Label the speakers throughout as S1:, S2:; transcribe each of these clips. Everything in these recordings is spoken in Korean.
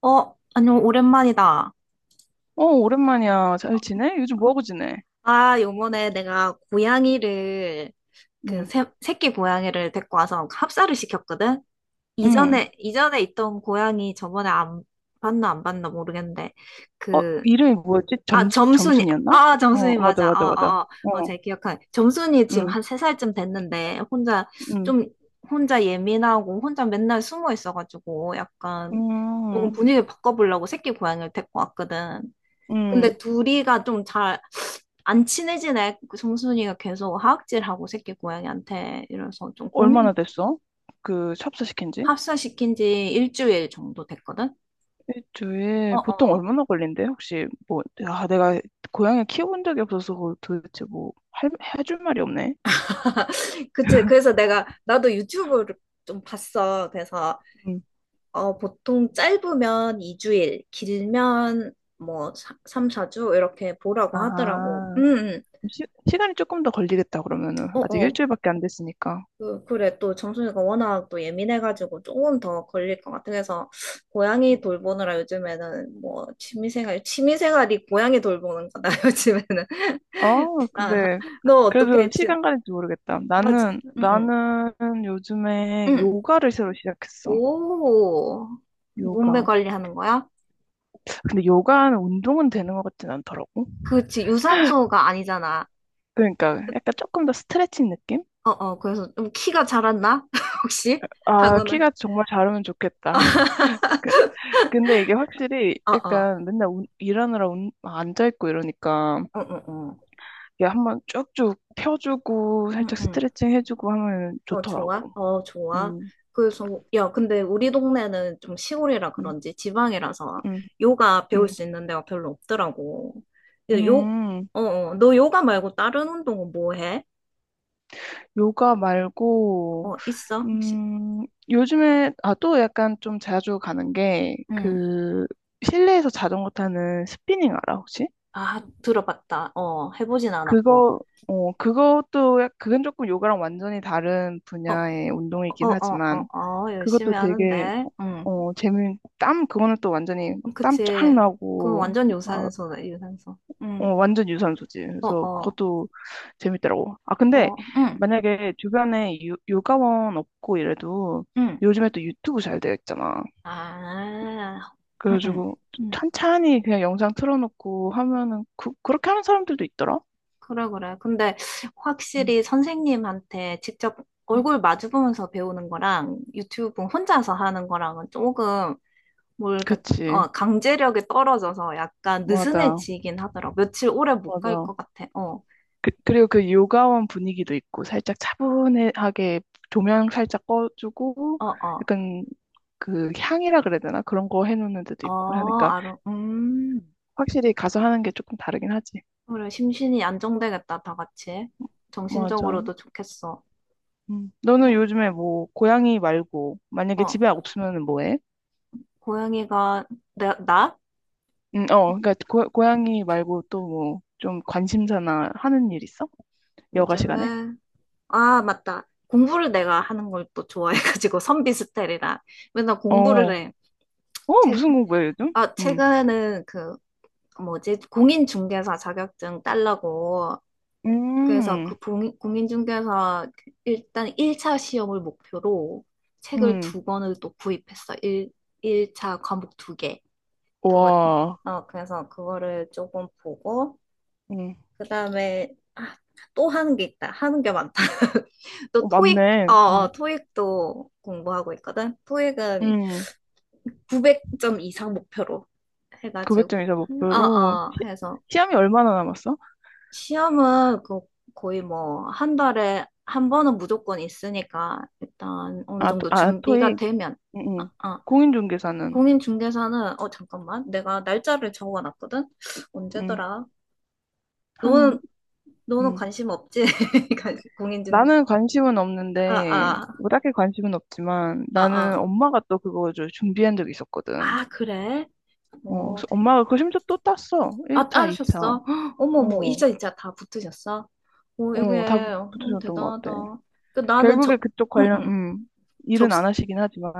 S1: 안녕, 오랜만이다.
S2: 어, 오랜만이야. 잘 지내? 요즘 뭐하고 지내?
S1: 아, 요번에 내가 고양이를,
S2: 응,
S1: 새끼 고양이를 데리고 와서 합사를 시켰거든?
S2: 응.
S1: 이전에 있던 고양이 저번에 안 봤나 안 봤나 모르겠는데,
S2: 어,
S1: 그,
S2: 이름이 뭐였지? 점순이었나?
S1: 아, 점순이
S2: 어, 맞아,
S1: 맞아.
S2: 맞아,
S1: 어,
S2: 맞아.
S1: 어, 어, 어,
S2: 어,
S1: 잘 기억하네. 점순이 지금
S2: 응,
S1: 한 세살쯤 됐는데, 혼자,
S2: 응,
S1: 좀, 혼자 예민하고, 혼자 맨날 숨어 있어가지고, 약간, 조금
S2: 응,
S1: 분위기 바꿔보려고 새끼 고양이를 데리고 왔거든.
S2: 응.
S1: 근데 둘이가 좀 잘 안 친해지네. 그 정순이가 계속 하악질하고 새끼 고양이한테 이래서 좀
S2: 얼마나
S1: 고민이
S2: 됐어? 그, 찹쌀 시킨 지?
S1: 합사시킨 지 일주일 정도 됐거든?
S2: 일주일, 보통
S1: 어어.
S2: 얼마나 걸린대? 혹시, 뭐, 아, 내가 고양이 키워본 적이 없어서 도대체 뭐, 해줄 말이 없네.
S1: 그치. 그래서 내가 나도 유튜브를 좀 봤어. 그래서
S2: 응.
S1: 보통 짧으면 2주일, 길면 뭐 3, 4주 이렇게 보라고 하더라고.
S2: 아,
S1: 응, 응.
S2: 시, 시간이 조금 더 걸리겠다, 그러면은. 아직
S1: 어어.
S2: 일주일밖에 안 됐으니까.
S1: 그래, 또 정순이가 워낙 또 예민해가지고 조금 더 걸릴 것 같아. 그래서 고양이 돌보느라 요즘에는 뭐 취미생활, 취미생활이 고양이 돌보는 거다, 요즘에는.
S2: 아,
S1: 아,
S2: 근데
S1: 너
S2: 그래도
S1: 어떻게
S2: 시간 가는 줄 모르겠다.
S1: 하지?
S2: 나는
S1: 응, 응,
S2: 나는 요즘에
S1: 응.
S2: 요가를 새로 시작했어.
S1: 오, 몸매
S2: 요가.
S1: 관리하는 거야?
S2: 근데 요가는 운동은 되는 것 같진 않더라고.
S1: 그치, 유산소가 아니잖아.
S2: 그러니까 약간 조금 더 스트레칭 느낌?
S1: 그래서 좀 키가 자랐나? 혹시?
S2: 아,
S1: 하고는,
S2: 키가 정말 자르면 좋겠다. 그- 근데 이게 확실히
S1: 어, 어,
S2: 약간 맨날 일하느라 앉아 있고 이러니까
S1: 어 어 어
S2: 이게 한번 쭉쭉 펴주고
S1: 응,
S2: 살짝
S1: 응.
S2: 스트레칭 해주고 하면
S1: 어, 좋아?
S2: 좋더라고.
S1: 어, 좋아.
S2: 음,
S1: 그래서, 야, 근데 우리 동네는 좀 시골이라
S2: 음,
S1: 그런지 지방이라서
S2: 음,
S1: 요가 배울
S2: 음.
S1: 수 있는 데가 별로 없더라고. 요, 요-
S2: 음,
S1: 어, 어, 너 요가 말고 다른 운동은 뭐 해?
S2: 요가 말고
S1: 어, 있어, 혹시?
S2: 요즘에, 아, 또 약간 좀 자주 가는 게,
S1: 응.
S2: 그, 실내에서 자전거 타는 스피닝 알아, 혹시?
S1: 아, 들어봤다. 해보진 않았고.
S2: 그거, 어, 그것도, 그건 조금 요가랑 완전히 다른
S1: 어,
S2: 분야의
S1: 어,
S2: 운동이긴
S1: 어,
S2: 하지만,
S1: 어, 어,
S2: 그것도
S1: 열심히
S2: 되게,
S1: 하는데. 응.
S2: 어, 재미, 땀, 그거는 또 완전히 땀 쫙
S1: 그치. 그건
S2: 나고,
S1: 완전
S2: 막,
S1: 유산소다, 유산소.
S2: 어,
S1: 응.
S2: 완전 유산소지.
S1: 어,
S2: 그래서
S1: 어,
S2: 그것도 재밌더라고. 아, 근데
S1: 어, 응,
S2: 만약에 주변에 요가원 없고 이래도
S1: 응.
S2: 요즘에 또 유튜브 잘 되어 있잖아.
S1: 아, 응,
S2: 그래가지고
S1: 응.
S2: 찬찬히 그냥 영상 틀어놓고 하면은 그렇게 하는 사람들도 있더라.
S1: 그래, 그래. 근데
S2: 음.
S1: 확실히 선생님한테 직접 얼굴 마주 보면서 배우는 거랑 유튜브 혼자서 하는 거랑은 조금 뭘까,
S2: 그치.
S1: 강제력이 떨어져서 약간
S2: 맞아.
S1: 느슨해지긴 하더라. 고 며칠 오래 못 갈
S2: 맞아.
S1: 것 같아. 어,
S2: 그리고 그 요가원 분위기도 있고 살짝 차분하게 조명 살짝 꺼주고
S1: 어, 어,
S2: 약간 그 향이라 그래야 되나? 그런 거 해놓는 데도 있고
S1: 어,
S2: 하니까
S1: 알아. 음.
S2: 확실히 가서 하는 게 조금 다르긴 하지.
S1: 그래, 심신이 안정되겠다, 다 같이.
S2: 맞아.
S1: 정신적으로도 좋겠어.
S2: 음. 너는
S1: 어,
S2: 요즘에 뭐 고양이 말고 만약에
S1: 어.
S2: 집에 없으면 뭐 해?
S1: 고양이가, 나?
S2: 어, 그러니까 고양이 말고 또 뭐 좀 관심사나 하는 일 있어? 여가 시간에?
S1: 요즘에 아, 맞다. 공부를 내가 하는 걸 또 좋아해가지고 선비 스타일이라 맨날 공부를
S2: 어,
S1: 해.
S2: 어,
S1: 최,
S2: 무슨 공부해 요즘?
S1: 최근에는 그 뭐지? 공인중개사 자격증 딸라고 그래서 그
S2: 음,
S1: 공인중개사 일단 1차 시험을 목표로 책을
S2: 음,
S1: 두 권을 또 구입했어. 1, 1차 과목 두 개. 그거
S2: 와,
S1: 그래서 그거를 조금 보고
S2: 음,
S1: 그다음에 아, 또 하는 게 있다. 하는 게 많다. 또
S2: 어, 맞네.
S1: 토익도 공부하고 있거든. 토익은
S2: 음,
S1: 900점 이상 목표로 해가지고
S2: 900점이자 목표로
S1: 해서
S2: 시험이 얼마나 남았어?
S1: 시험은 그 거의 뭐 한 달에 한 번은 무조건 있으니까 일단 어느
S2: 아,
S1: 정도 준비가
S2: 토익.
S1: 되면
S2: 음,
S1: 아,
S2: 음.
S1: 아.
S2: 공인중개사는
S1: 공인중개사는 잠깐만 내가 날짜를 적어놨거든.
S2: 음,
S1: 언제더라?
S2: 한,
S1: 너는 너는
S2: 음.
S1: 관심 없지? 공인중개사
S2: 나는 관심은
S1: 아,
S2: 없는데,
S1: 아,
S2: 뭐 딱히 관심은 없지만,
S1: 아,
S2: 나는
S1: 아.
S2: 엄마가 또 그거 좀 준비한 적이 있었거든.
S1: 아, 그래?
S2: 어,
S1: 오,
S2: 그래서
S1: 대...
S2: 엄마가 그 심지어 또 땄어.
S1: 아,
S2: 1차, 2차.
S1: 따셨어? 헉, 어머머,
S2: 어,
S1: 이자 다 붙으셨어? 오,
S2: 어, 다
S1: 이게, 오,
S2: 붙으셨던 것
S1: 대단하다.
S2: 같아.
S1: 그, 나는
S2: 결국에
S1: 저,
S2: 그쪽
S1: 응,
S2: 관련,
S1: 응, 접,
S2: 일은 안 하시긴 하지만.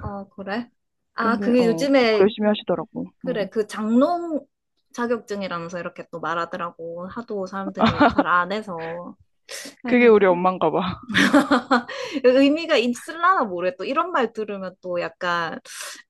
S1: 어, 그래? 아,
S2: 근데,
S1: 그게
S2: 어, 공부
S1: 요즘에,
S2: 열심히 하시더라고.
S1: 그래,
S2: 음.
S1: 그 장롱 자격증이라면서 이렇게 또 말하더라고. 하도 사람들이 잘 안 해서.
S2: 그게
S1: 아이고.
S2: 우리 엄마인가 봐.
S1: 의미가 있을라나 모르겠 또 이런 말 들으면 또 약간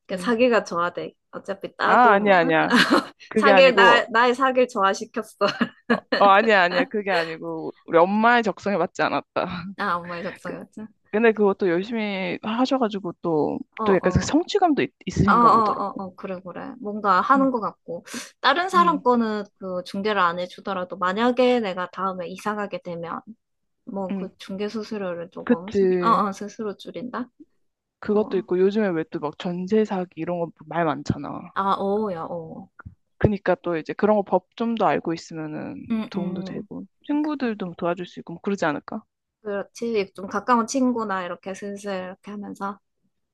S1: 그
S2: 음.
S1: 사기가 좋아돼. 어차피
S2: 아,
S1: 따도 뭐
S2: 아니야, 아니야. 그게
S1: 사기를
S2: 아니고,
S1: 나 나의 사기를 좋아시켰어.
S2: 어, 아니야, 아니야. 그게 아니고, 우리 엄마의 적성에 맞지 않았다.
S1: 아 엄마의 적성이었죠.
S2: 근데 그것도 열심히 하셔가지고 또,
S1: 어어
S2: 약간 그
S1: 어어어
S2: 성취감도 있,
S1: 어
S2: 으신가
S1: 어, 어,
S2: 보더라고.
S1: 어, 어. 그래 그래 뭔가
S2: 음,
S1: 하는 것 같고 다른 사람
S2: 음,
S1: 거는 그 중개를 안 해주더라도 만약에 내가 다음에 이사 가게 되면 뭐 그
S2: 음.
S1: 중개 수수료를 조금
S2: 그치.
S1: 어어 스스로 줄인다.
S2: 그것도 있고 요즘에 왜 또 막 전세 사기 이런 거 말 많잖아.
S1: 뭐아어야어
S2: 그니까 또 이제 그런 거 법 좀 더 알고 있으면은 도움도
S1: 음음
S2: 되고 친구들도 도와줄 수 있고 뭐 그러지 않을까?
S1: 그렇지 좀 가까운 친구나 이렇게 슬슬 이렇게 하면서.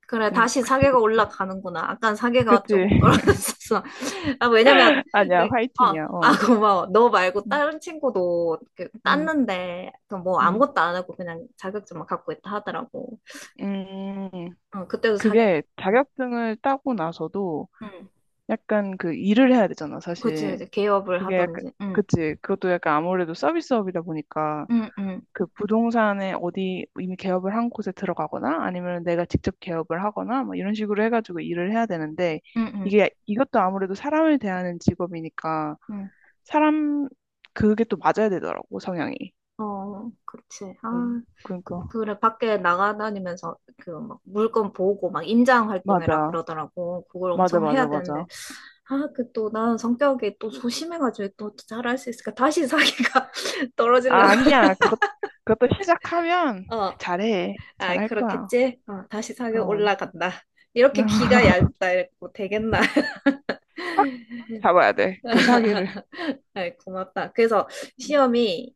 S1: 그래,
S2: 그니
S1: 다시
S2: 그치
S1: 사계가
S2: 그치
S1: 올라가는구나. 아깐 사계가
S2: 그치.
S1: 조금 떨어졌었어. 아, 왜냐면,
S2: 아니야, 화이팅이야,
S1: 아,
S2: 어.
S1: 고마워. 너 말고
S2: 음,
S1: 다른 친구도 이렇게
S2: 음,
S1: 땄는데, 그뭐
S2: 음.
S1: 아무것도 안 하고 그냥 자격증만 갖고 있다 하더라고.
S2: 음,
S1: 어, 그때도 사계,
S2: 그게
S1: 응,
S2: 자격증을 따고 나서도
S1: 응.
S2: 약간 그 일을 해야 되잖아,
S1: 그치,
S2: 사실.
S1: 이제 개업을
S2: 그게 약간,
S1: 하던지, 응,
S2: 그치. 그것도 약간 아무래도 서비스업이다 보니까
S1: 응, 응,
S2: 그 부동산에 어디 이미 개업을 한 곳에 들어가거나 아니면 내가 직접 개업을 하거나 뭐 이런 식으로 해가지고 일을 해야 되는데
S1: 응, 응,
S2: 이게 이것도 아무래도 사람을 대하는 직업이니까
S1: 응.
S2: 사람 그게 또 맞아야 되더라고 성향이.
S1: 어, 그치. 아,
S2: 응. 그러니까
S1: 그래, 밖에 나가다니면서 그 막 물건 보고 막 임장 활동해라
S2: 맞아
S1: 그러더라고. 그걸
S2: 맞아
S1: 엄청
S2: 맞아
S1: 해야
S2: 맞아.
S1: 되는데. 아, 그 또 나는 성격이 또 조심해가지고 또 잘할 수 있을까? 다시 사기가
S2: 아,
S1: 떨어지려고.
S2: 아니야, 그것도 시작하면
S1: 어,
S2: 잘해
S1: 아,
S2: 잘할 거야.
S1: 그렇겠지? 다시 사기
S2: 그럼.
S1: 올라간다. 이렇게 귀가 얇다 이고 되겠나?
S2: 확 잡아야 돼 그 사기를.
S1: 아이, 고맙다. 그래서 시험이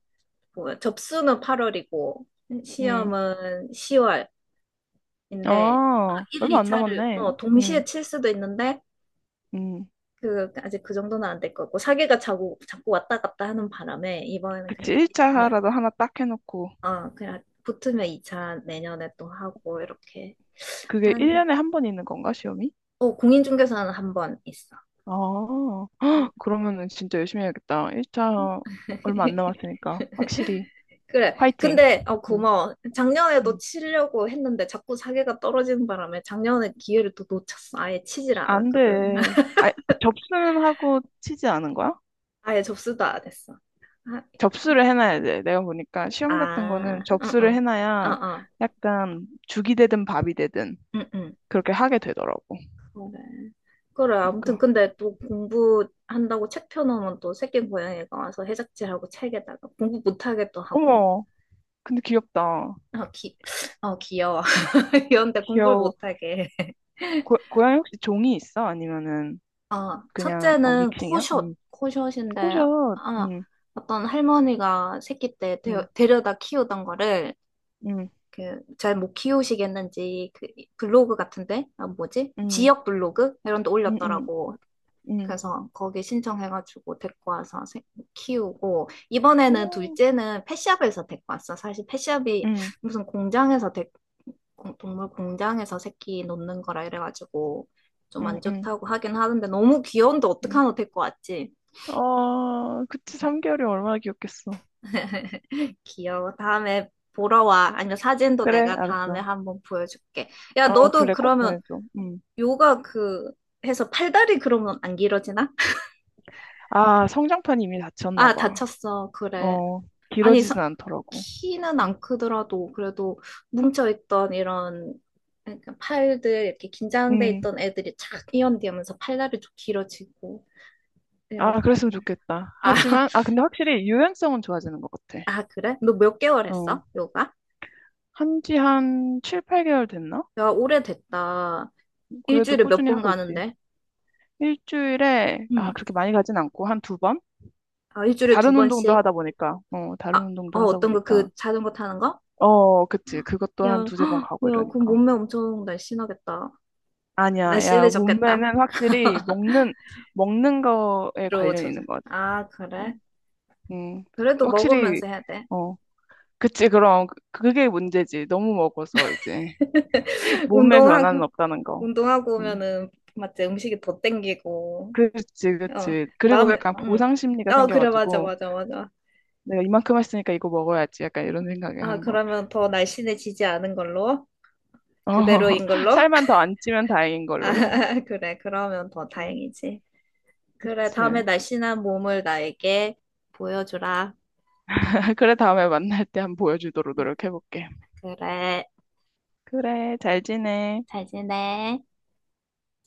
S1: 뭐 접수는 8월이고
S2: 응.
S1: 시험은 10월인데
S2: 아,
S1: 1,
S2: 얼마 안
S1: 2차를
S2: 남았네. 응.
S1: 동시에 칠 수도 있는데
S2: 응.
S1: 그 아직 그 정도는 안 될 거고 사기가 자꾸 자꾸 왔다 갔다 하는 바람에 이번에는
S2: 그치, 1차라도 하나 딱 해놓고.
S1: 그냥 붙으면 2차 내년에 또 하고 이렇게
S2: 그게
S1: 하는 게.
S2: 1년에 한 번 있는 건가, 시험이?
S1: 공인중개사는 한 번 있어.
S2: 아, 헉, 그러면은 진짜 열심히 해야겠다. 1차 얼마 안 남았으니까, 확실히.
S1: 그래.
S2: 화이팅!
S1: 근데
S2: 응,
S1: 고마워. 작년에도
S2: 응.
S1: 치려고 했는데 자꾸 사기가 떨어지는 바람에 작년에 기회를 또 놓쳤어. 아예 치질
S2: 안
S1: 않았거든.
S2: 돼. 아, 접수는 하고 치지 않은 거야?
S1: 아예 접수도 안 했어. 아,
S2: 접수를 해놔야 돼. 내가 보니까 시험 같은 거는
S1: 아, 응,
S2: 접수를
S1: 응, 어,
S2: 해놔야
S1: 어,
S2: 약간 죽이 되든 밥이 되든
S1: 응, 응.
S2: 그렇게 하게 되더라고.
S1: 그래. 그래, 아무튼
S2: 그러니까.
S1: 근데 또 공부한다고 책 펴놓으면 또 새끼 고양이가 와서 해적질하고 책에다가 공부 못하게 또 하고.
S2: 어머, 근데 귀엽다.
S1: 아, 귀여워. 귀여운데 공부를
S2: 귀여워.
S1: 못하게.
S2: 고양이 혹시 종이 있어? 아니면은
S1: 아,
S2: 그냥 어,
S1: 첫째는
S2: 믹싱이야? 음.
S1: 코숏인데,
S2: 코숏.
S1: 아,
S2: 음.
S1: 어떤 할머니가 새끼 때
S2: 음.
S1: 데려다 키우던 거를
S2: 음.
S1: 잘못 키우시겠는지 그 블로그 같은데, 아, 뭐지?
S2: 음.
S1: 지역 블로그? 이런 데
S2: 음. 음.
S1: 올렸더라고.
S2: 음.
S1: 그래서 거기 신청해가지고 데리고 와서 키우고 이번에는
S2: 오.
S1: 둘째는 펫샵에서 데리고 왔어. 사실 펫샵이
S2: 음.
S1: 무슨 공장에서 동물 공장에서 새끼 놓는 거라 이래가지고 좀
S2: 음.
S1: 안
S2: 음.
S1: 좋다고 하긴 하는데 너무 귀여운데
S2: 음.
S1: 어떡하노 데리고 왔지?
S2: 어, 그치. 3개월이 얼마나 귀엽겠어.
S1: 귀여워. 다음에 보러 와. 아니면 사진도
S2: 그래,
S1: 내가 다음에
S2: 알았어.
S1: 한번 보여줄게. 야,
S2: 어,
S1: 너도
S2: 그래. 꼭
S1: 그러면
S2: 보내줘. 음.
S1: 요가 해서 팔다리 그러면 안 길어지나?
S2: 아, 성장판이 이미 닫혔나
S1: 아,
S2: 봐.
S1: 다쳤어. 그래.
S2: 어,
S1: 아니,
S2: 길어지진 않더라고.
S1: 키는
S2: 음.
S1: 안 크더라도 그래도 뭉쳐있던 이런 예, 그러니까 팔들 이렇게 긴장돼
S2: 음.
S1: 있던 애들이 착 이완되면서 팔다리 좀 길어지고 이런
S2: 아, 그랬으면 좋겠다.
S1: 아,
S2: 하지만 아, 근데 확실히 유연성은 좋아지는 것 같아.
S1: 아 그래? 너 몇 개월
S2: 어.
S1: 했어? 요가?
S2: 한지 한 7, 8개월 됐나?
S1: 야, 오래됐다.
S2: 그래도
S1: 일주일에 몇
S2: 꾸준히
S1: 번
S2: 하고 있지.
S1: 가는데?
S2: 일주일에,
S1: 응.
S2: 아, 그렇게 많이 가진 않고, 한 두 번?
S1: 아, 일주일에 두
S2: 다른 운동도
S1: 번씩?
S2: 하다 보니까, 어, 다른 운동도 하다
S1: 어떤 거,
S2: 보니까.
S1: 그 자전거 타는 거?
S2: 어, 그치. 그것도 한
S1: 야,
S2: 두세 번 가고
S1: 뭐야, 그
S2: 이러니까.
S1: 몸매 엄청 날씬하겠다.
S2: 아니야, 야,
S1: 날씬해졌겠다.
S2: 몸매는 확실히 먹는 거에
S1: 로
S2: 관련 있는
S1: 저자.
S2: 것 같아.
S1: 아,
S2: 어,
S1: 그래? 그래도
S2: 확실히,
S1: 먹으면서 해야 돼.
S2: 어, 그치. 그럼, 그게 문제지. 너무 먹어서 이제. 몸에 변화는
S1: 운동하고.
S2: 없다는 거.
S1: 운동하고
S2: 음.
S1: 오면은 맞지 음식이 더 땡기고
S2: 그치,
S1: 어
S2: 그치. 그리고
S1: 마음
S2: 약간 보상 심리가
S1: 응어 그래 맞아
S2: 생겨가지고,
S1: 맞아 맞아
S2: 내가 이만큼 했으니까 이거 먹어야지. 약간 이런 생각을
S1: 아
S2: 하는 것 같아.
S1: 그러면 더 날씬해지지 않은 걸로
S2: 어.
S1: 그대로인 걸로
S2: 살만 더 안 찌면 다행인 걸로.
S1: 아 그래 그러면 더
S2: 음,
S1: 다행이지 그래 다음에
S2: 그치.
S1: 날씬한 몸을 나에게 보여주라
S2: 그래, 다음에 만날 때 한번 보여주도록 노력해볼게.
S1: 그래
S2: 그래, 잘 지내.
S1: 잘 지내